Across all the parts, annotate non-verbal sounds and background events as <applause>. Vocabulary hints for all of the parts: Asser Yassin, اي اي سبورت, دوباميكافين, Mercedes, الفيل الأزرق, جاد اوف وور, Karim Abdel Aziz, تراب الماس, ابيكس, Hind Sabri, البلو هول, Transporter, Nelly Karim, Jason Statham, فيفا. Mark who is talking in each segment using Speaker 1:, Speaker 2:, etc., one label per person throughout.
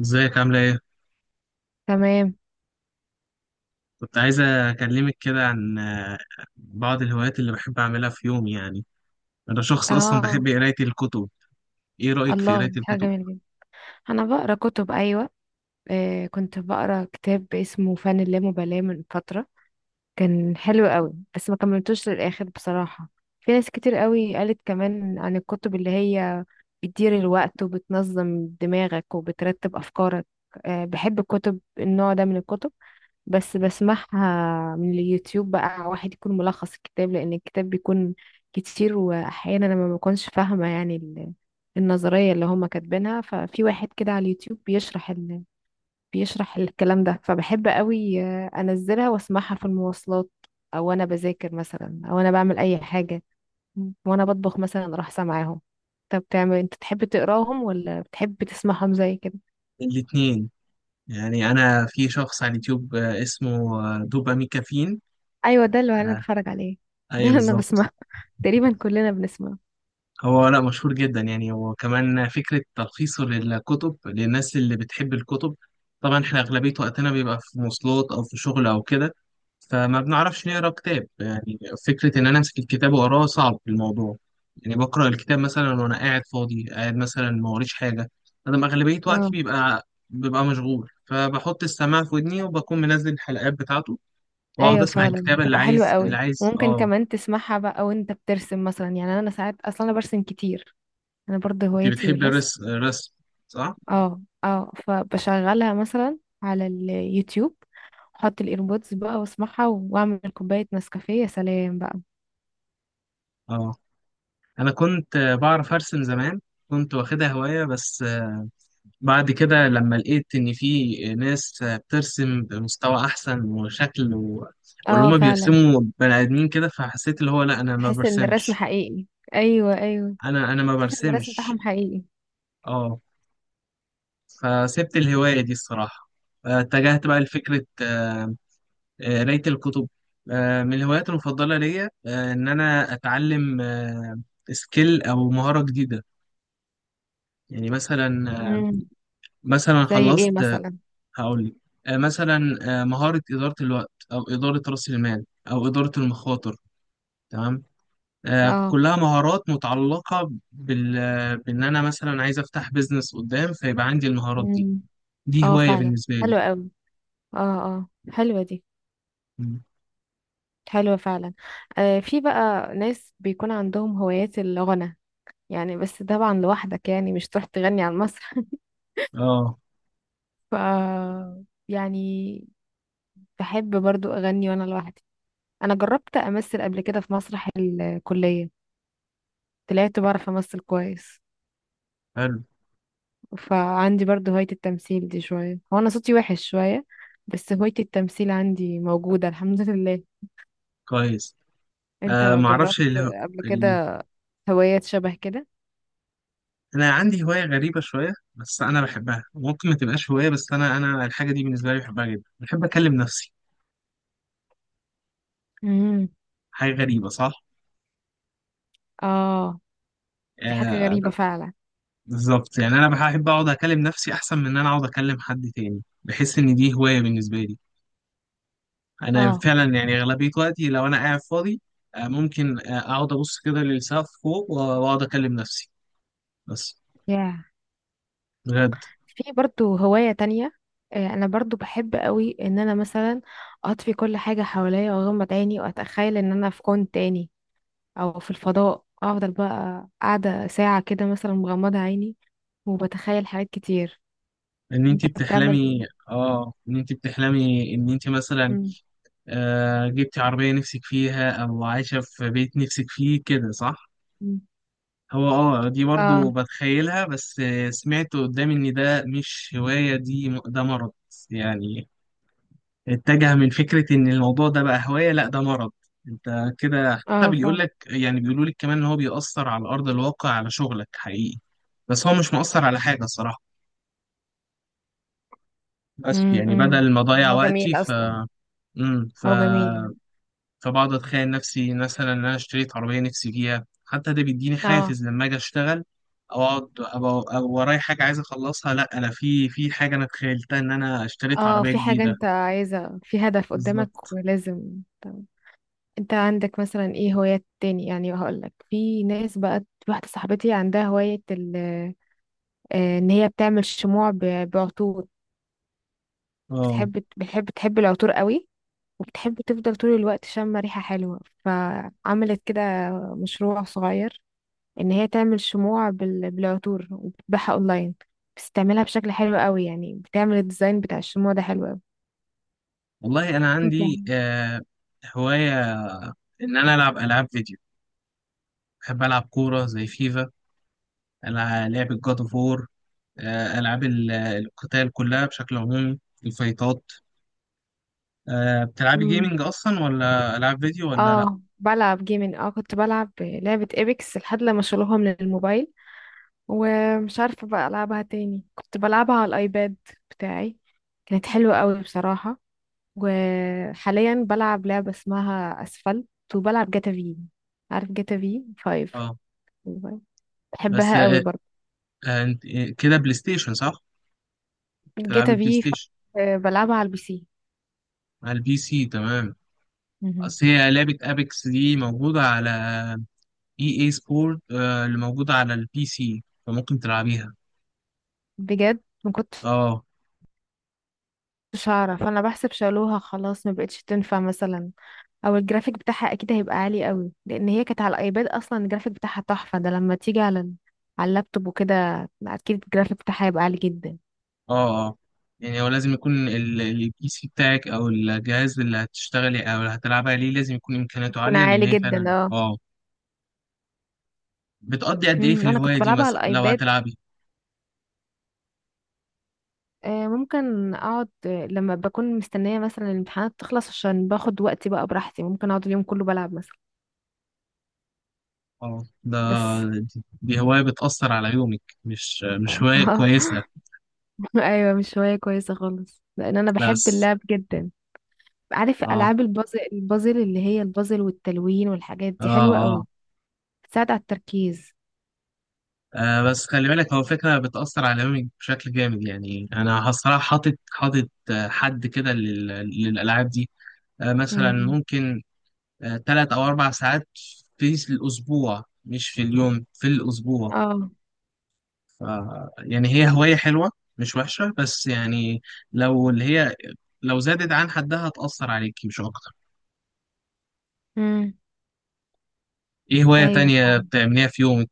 Speaker 1: ازيك عاملة ايه؟
Speaker 2: تمام.
Speaker 1: كنت عايزة أكلمك كده عن بعض الهوايات اللي بحب أعملها في يومي. يعني أنا شخص أصلا
Speaker 2: اه.
Speaker 1: بحب قراية الكتب. ايه رأيك في
Speaker 2: الله،
Speaker 1: قراية
Speaker 2: دي حاجة
Speaker 1: الكتب؟
Speaker 2: جميلة جدا. انا بقرا كتب، ايوه. كنت بقرا كتاب اسمه فن اللامبالاة من فترة. كان حلو قوي، بس ما كملتوش للاخر بصراحة. في ناس كتير قوي قالت كمان عن الكتب اللي هي بتدير الوقت وبتنظم دماغك وبترتب افكارك. بحب الكتب، النوع ده من الكتب. بس بسمعها من اليوتيوب بقى، واحد يكون ملخص الكتاب، لان الكتاب بيكون كتير، واحيانا انا ما بكونش فاهمه يعني النظريه اللي هما كاتبينها. ففي واحد كده على اليوتيوب بيشرح بيشرح الكلام ده. فبحب قوي، انزلها واسمعها في المواصلات، او انا بذاكر مثلا، او انا بعمل اي حاجه، وانا بطبخ مثلا اروح سامعاهم. طب بتعمل انت، تحب تقراهم ولا بتحب تسمعهم زي كده؟
Speaker 1: الاتنين. يعني أنا في شخص على اليوتيوب، اسمه دوباميكافين.
Speaker 2: ايوه، ده اللي انا
Speaker 1: آه،
Speaker 2: بتفرج عليه. ده
Speaker 1: أيوه
Speaker 2: اللي انا
Speaker 1: بالظبط.
Speaker 2: بسمعه، تقريبا كلنا بنسمعه.
Speaker 1: هو، لا، مشهور جدا. يعني هو كمان فكرة تلخيصه للكتب للناس اللي بتحب الكتب. طبعا احنا أغلبية وقتنا بيبقى في مواصلات أو في شغل أو كده، فما بنعرفش نقرا كتاب يعني. فكرة إن أنا أمسك الكتاب وأقراه صعب في الموضوع. يعني بقرأ الكتاب مثلا وأنا قاعد فاضي، قاعد مثلا ما وريش حاجة. أنا أغلبية وقتي
Speaker 2: اه.
Speaker 1: ببقى مشغول، فبحط السماعة في ودني وبكون منزل الحلقات بتاعته وأقعد
Speaker 2: ايوه،
Speaker 1: أسمع
Speaker 2: فعلا
Speaker 1: الكتاب اللي
Speaker 2: بتبقى حلوة
Speaker 1: عايز اللي
Speaker 2: قوي،
Speaker 1: عايز
Speaker 2: وممكن
Speaker 1: آه
Speaker 2: كمان تسمعها بقى وانت بترسم مثلا. يعني انا ساعات اصلا انا برسم كتير، انا برضه
Speaker 1: أنت
Speaker 2: هوايتي
Speaker 1: بتحب
Speaker 2: الرسم.
Speaker 1: الرسم، صح؟
Speaker 2: اه، اه، فبشغلها مثلا على اليوتيوب، احط الايربودز بقى واسمعها واعمل كوباية نسكافيه، يا سلام بقى.
Speaker 1: آه انا كنت بعرف ارسم زمان. كنت واخدها هواية، بس بعد كده لما لقيت ان في ناس بترسم بمستوى احسن وشكل واللي
Speaker 2: اه
Speaker 1: هما
Speaker 2: فعلا،
Speaker 1: بيرسموا بني ادمين كده، فحسيت اللي هو لا، انا ما
Speaker 2: تحس ان الرسم
Speaker 1: برسمش.
Speaker 2: حقيقي. ايوه، ايوه،
Speaker 1: انا ما
Speaker 2: تحس ان الرسم
Speaker 1: برسمش.
Speaker 2: بتاعهم حقيقي.
Speaker 1: اه فسبت الهواية دي الصراحة. اتجهت بقى لفكرة قراية الكتب. من الهوايات المفضلة ليا ان انا اتعلم سكيل او مهارة جديدة. يعني مثلا،
Speaker 2: امم.
Speaker 1: مثلا
Speaker 2: زي ايه
Speaker 1: خلصت.
Speaker 2: مثلا؟
Speaker 1: هقول لك، مثلا مهارة إدارة الوقت أو إدارة رأس المال أو إدارة المخاطر. تمام،
Speaker 2: اه.
Speaker 1: كلها مهارات متعلقة بال... آه، بإن أنا مثلا عايز أفتح بيزنس قدام، فيبقى عندي المهارات دي.
Speaker 2: امم.
Speaker 1: دي
Speaker 2: اه
Speaker 1: هواية
Speaker 2: فعلا،
Speaker 1: بالنسبة لي.
Speaker 2: حلوة قوي. اه، اه، حلوة دي.
Speaker 1: مم.
Speaker 2: حلوة فعلا. في بقى ناس بيكون عندهم هوايات الغنى، يعني بس طبعا لوحدك، يعني مش تروح تغني على المسرح <laughs>
Speaker 1: آه،
Speaker 2: ف يعني بحب برضو أغني وأنا لوحدي. أنا جربت أمثل قبل كده في مسرح الكلية، طلعت بعرف أمثل كويس.
Speaker 1: حلو.
Speaker 2: فعندي برضو هواية التمثيل دي شوية، هو أنا صوتي وحش شوية، بس هواية التمثيل عندي موجودة الحمد لله.
Speaker 1: كويس.
Speaker 2: أنت
Speaker 1: آه
Speaker 2: جربت
Speaker 1: معرفش
Speaker 2: قبل
Speaker 1: ال...
Speaker 2: كده هوايات شبه كده؟
Speaker 1: أنا عندي هواية غريبة شوية، بس أنا بحبها. ممكن ما تبقاش هواية، بس أنا الحاجة دي بالنسبة لي بحبها جدا. بحب أكلم نفسي.
Speaker 2: امم.
Speaker 1: حاجة غريبة، صح؟
Speaker 2: آه. دي حاجة
Speaker 1: آه،
Speaker 2: غريبة فعلا.
Speaker 1: بالظبط. يعني انا بحب اقعد اكلم نفسي احسن من ان انا اقعد اكلم حد تاني. بحس ان دي هوايه بالنسبه لي. انا
Speaker 2: اه،
Speaker 1: فعلا يعني اغلبيه وقتي لو انا قاعد فاضي، ممكن اقعد ابص كده للسقف فوق واقعد اكلم نفسي بس.
Speaker 2: يا
Speaker 1: بجد.
Speaker 2: في برضو هواية تانية. انا برضو بحب قوي ان انا مثلا اطفي كل حاجة حواليا واغمض عيني واتخيل ان انا في كون تاني، او في الفضاء. افضل بقى قاعدة ساعة كده مثلا مغمضة عيني وبتخيل حاجات كتير.
Speaker 1: ان
Speaker 2: انت
Speaker 1: انت
Speaker 2: بتعمل.
Speaker 1: بتحلمي اه ان انت بتحلمي ان انت مثلا
Speaker 2: مم.
Speaker 1: جبتي عربيه نفسك فيها او عايشه في بيت نفسك فيه كده، صح.
Speaker 2: مم.
Speaker 1: هو، دي برضو
Speaker 2: اه،
Speaker 1: بتخيلها، بس سمعت قدامي ان ده مش هوايه. دي، ده مرض يعني. اتجه من فكرة إن الموضوع ده بقى هواية. لأ، ده مرض. أنت كده حتى
Speaker 2: اه
Speaker 1: بيقول
Speaker 2: فعلا.
Speaker 1: لك، يعني بيقولوا لك كمان إن هو بيأثر على أرض الواقع، على شغلك حقيقي. بس هو مش مؤثر على حاجة صراحة. بس
Speaker 2: مم،
Speaker 1: يعني
Speaker 2: مم.
Speaker 1: بدل ما أضيع
Speaker 2: هو
Speaker 1: وقتي
Speaker 2: جميل
Speaker 1: ف
Speaker 2: اصلا.
Speaker 1: مم. ف
Speaker 2: هو جميل.
Speaker 1: فبقعد أتخيل نفسي مثلا إن أنا اشتريت عربية نفسي فيها، حتى ده بيديني
Speaker 2: اه،
Speaker 1: حافز لما أجي أشتغل، أو أقعد أبقى ورايا حاجة عايز أخلصها. لأ أنا في حاجة أنا تخيلتها، إن أنا اشتريت
Speaker 2: اه،
Speaker 1: عربية
Speaker 2: في حاجة
Speaker 1: جديدة.
Speaker 2: انت عايزة، في هدف قدامك
Speaker 1: بالظبط.
Speaker 2: ولازم. انت عندك مثلا ايه هوايات تاني؟ يعني هقولك، في ناس بقى واحدة صاحبتي عندها هواية ان هي بتعمل شموع بعطور.
Speaker 1: اه،
Speaker 2: بتحب بتحب تحب العطور قوي، وبتحب تفضل طول الوقت شامة ريحة حلوة. فعملت كده مشروع صغير، ان هي تعمل شموع بالعطور وبتبيعها اونلاين. بتستعملها بشكل حلو قوي، يعني بتعمل الديزاين بتاع الشموع ده حلو قوي.
Speaker 1: والله انا
Speaker 2: انت.
Speaker 1: عندي هوايه ان انا العب العاب فيديو. بحب العب كوره زي فيفا. لعبه جاد اوف وور، العاب القتال كلها بشكل عمومي، الفايتات. بتلعبي
Speaker 2: مم.
Speaker 1: جيمنج اصلا ولا العاب فيديو ولا لا؟
Speaker 2: اه بلعب جيمين، كنت بلعب لعبة ايبكس لحد لما شالوها من الموبايل، ومش عارفة بقى ألعبها تاني. كنت بلعبها على الأيباد بتاعي، كانت حلوة قوي بصراحة. وحاليا بلعب لعبة اسمها أسفلت، وبلعب جاتا في. عارف جاتا في فايف؟
Speaker 1: اه، بس،
Speaker 2: بحبها قوي برضه.
Speaker 1: كده بلاي ستيشن صح؟ بتلعبي
Speaker 2: جاتا
Speaker 1: بلاي
Speaker 2: في
Speaker 1: ستيشن
Speaker 2: فايف بلعبها على البي سي.
Speaker 1: على البي سي، تمام.
Speaker 2: مهم.
Speaker 1: اصل هي لعبه ابيكس دي موجوده على اي اي سبورت، اللي موجوده على البي سي، فممكن تلعبيها.
Speaker 2: بجد ما كنتش
Speaker 1: اه،
Speaker 2: أعرف، أنا بحسب شالوها خلاص، ما بقتش تنفع مثلا. او الجرافيك بتاعها اكيد هيبقى عالي قوي، لان هي كانت على الايباد اصلا، الجرافيك بتاعها تحفة. ده لما تيجي على على اللابتوب وكده، اكيد الجرافيك بتاعها هيبقى عالي جدا.
Speaker 1: اه، اه. يعني هو لازم يكون البي سي بتاعك او الجهاز اللي هتشتغلي او اللي هتلعبي عليه لازم يكون امكانياته
Speaker 2: يكون
Speaker 1: عاليه، لان
Speaker 2: عالي
Speaker 1: هي
Speaker 2: جدا
Speaker 1: فعلا.
Speaker 2: اه.
Speaker 1: اه. بتقضي قد ايه في
Speaker 2: امم. انا
Speaker 1: الهوايه
Speaker 2: كنت
Speaker 1: دي
Speaker 2: بلعبها على
Speaker 1: مثلا لو
Speaker 2: الايباد.
Speaker 1: هتلعبي؟
Speaker 2: ممكن اقعد، لما بكون مستنيه مثلا الامتحانات تخلص، عشان باخد وقتي بقى براحتي، ممكن اقعد اليوم كله بلعب مثلا.
Speaker 1: اه، ده،
Speaker 2: بس.
Speaker 1: دي هوايه بتاثر على يومك، مش هوايه
Speaker 2: <laughs> اه.
Speaker 1: كويسه
Speaker 2: ايوه مش هوايه كويسه خالص، لان انا بحب
Speaker 1: بس.
Speaker 2: اللعب جدا. عارف
Speaker 1: اه،
Speaker 2: العاب البازل، البازل اللي هي البازل والتلوين والحاجات
Speaker 1: اه،
Speaker 2: دي حلوه
Speaker 1: اه.
Speaker 2: قوي، بتساعد على التركيز.
Speaker 1: بس خلي بالك، هو فكرة بتأثر على يومك بشكل جامد. يعني أنا الصراحة حاطط حد كده للألعاب دي. مثلا
Speaker 2: امم.
Speaker 1: ممكن 3 أو 4 ساعات في الأسبوع، مش في اليوم، في الأسبوع.
Speaker 2: اه.
Speaker 1: ف يعني هي هواية حلوة، مش وحشة، بس يعني لو اللي هي لو زادت عن حدها هتأثر عليكي مش أكتر.
Speaker 2: امم.
Speaker 1: إيه هواية
Speaker 2: ايوه
Speaker 1: تانية
Speaker 2: فعلا.
Speaker 1: بتعمليها في يومك؟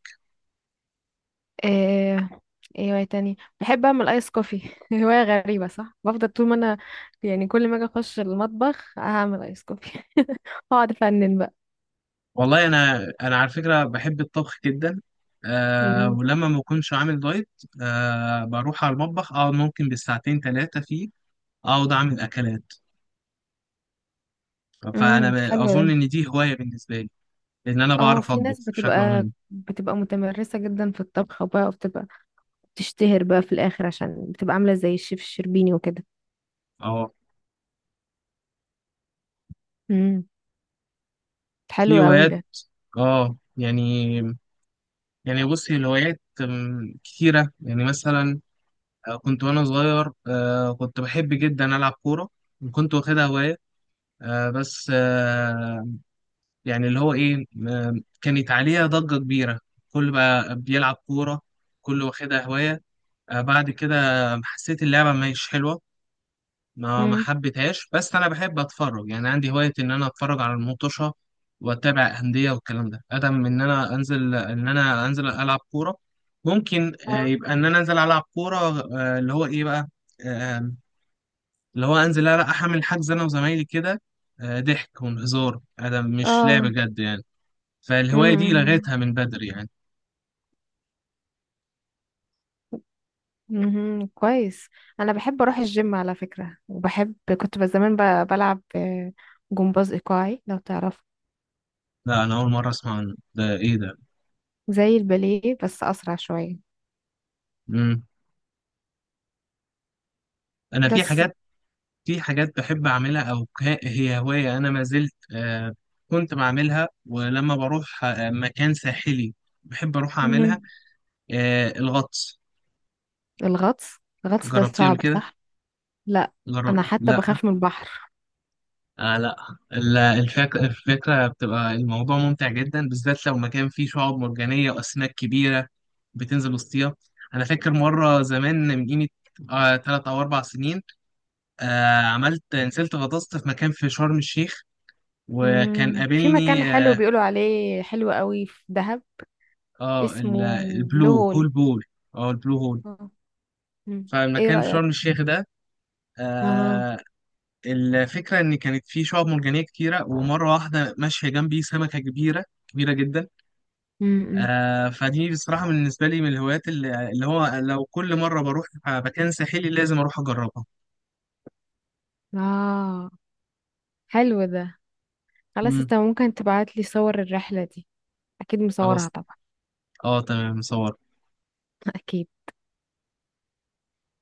Speaker 2: إيه ايه هواية تاني. بحب اعمل ايس كوفي <laughs> هواية غريبة صح؟ بفضل طول ما انا، يعني كل ما اجي اخش المطبخ هعمل ايس كوفي <laughs> اقعد افنن بقى.
Speaker 1: والله أنا على فكرة بحب الطبخ جدا.
Speaker 2: امم.
Speaker 1: ولما ما بكونش عامل دايت بروح على المطبخ، أقعد ممكن بالساعتين ثلاثة فيه، أقعد أعمل أكلات. فأنا
Speaker 2: امم. حلو ده.
Speaker 1: أظن إن دي هواية بالنسبة لي، إن أنا
Speaker 2: اه،
Speaker 1: بعرف
Speaker 2: في ناس
Speaker 1: أطبخ بشكل
Speaker 2: بتبقى
Speaker 1: عمومي.
Speaker 2: بتبقى متمرسة جدا في الطبخ بقى، وبتبقى بتشتهر بقى في الاخر عشان بتبقى عاملة زي الشيف الشربيني وكده.
Speaker 1: أو
Speaker 2: امم. حلو
Speaker 1: في
Speaker 2: قوي
Speaker 1: هوايات،
Speaker 2: ده.
Speaker 1: اه يعني يعني بصي، الهوايات كتيرة. يعني مثلا كنت وانا صغير، كنت بحب جدا ألعب كورة وكنت واخدها هواية. آه، بس آه، يعني اللي هو ايه، كانت عليها ضجة كبيرة، كل بقى بيلعب كورة، كل واخدها هواية. بعد كده حسيت اللعبة مش حلوة، ما
Speaker 2: امم.
Speaker 1: حبيتهاش. بس انا بحب اتفرج. يعني عندي هوايه ان انا اتفرج على المطوشه واتابع انديه والكلام ده ادم من ان انا انزل العب كوره. ممكن يبقى ان انا انزل العب كوره، اللي هو ايه بقى، آه، اللي هو انزل احمل حجز انا وزمايلي كده، ضحك وهزار ادم مش لعب
Speaker 2: اه.
Speaker 1: جد يعني. فالهوايه دي
Speaker 2: امم.
Speaker 1: لغيتها من بدري يعني.
Speaker 2: مهم. كويس. انا بحب اروح الجيم على فكرة، وبحب كنت بس زمان بلعب، جمباز ايقاعي لو تعرف.
Speaker 1: لا، انا اول مره اسمع عن ده، ايه ده؟
Speaker 2: زي الباليه بس اسرع شوية.
Speaker 1: مم. انا في
Speaker 2: بس.
Speaker 1: حاجات في حاجات بحب أعملها، أو هي هواية أنا ما زلت كنت بعملها، ولما بروح مكان ساحلي بحب أروح أعملها.
Speaker 2: مهم.
Speaker 1: الغطس.
Speaker 2: الغطس. الغطس ده
Speaker 1: جربتيه قبل
Speaker 2: صعب
Speaker 1: كده؟
Speaker 2: صح؟ لا، انا حتى
Speaker 1: لا.
Speaker 2: بخاف من البحر.
Speaker 1: آه، لا. الفكرة بتبقى الموضوع ممتع جدا، بالذات لو مكان فيه شعاب مرجانية وأسماك كبيرة بتنزل وسطيها. أنا فاكر مرة زمان من قيمة، 3 أو 4 سنين، عملت، نزلت غطست في مكان في شرم الشيخ، وكان
Speaker 2: مم. في مكان
Speaker 1: قابلني.
Speaker 2: حلو بيقولوا عليه حلو قوي في دهب اسمه
Speaker 1: البلو
Speaker 2: بلو هول.
Speaker 1: هول. بول اه البلو هول
Speaker 2: آه. مم. ايه
Speaker 1: فالمكان في
Speaker 2: رأيك؟
Speaker 1: شرم الشيخ ده.
Speaker 2: اه.
Speaker 1: آه الفكرة إن كانت فيه شعاب مرجانية كتيرة، ومرة واحدة ماشية جنبي سمكة كبيرة كبيرة جدا.
Speaker 2: امم.
Speaker 1: آه، فدي بصراحة بالنسبة لي من الهوايات اللي هو، لو كل مرة بروح مكان ساحلي لازم أروح أجربها.
Speaker 2: اه. حلو ده. خلاص،
Speaker 1: مم.
Speaker 2: انت ممكن تبعت لي صور الرحلة دي، اكيد
Speaker 1: خلاص،
Speaker 2: مصورها طبعا.
Speaker 1: اه تمام. صور.
Speaker 2: <laughs> اكيد.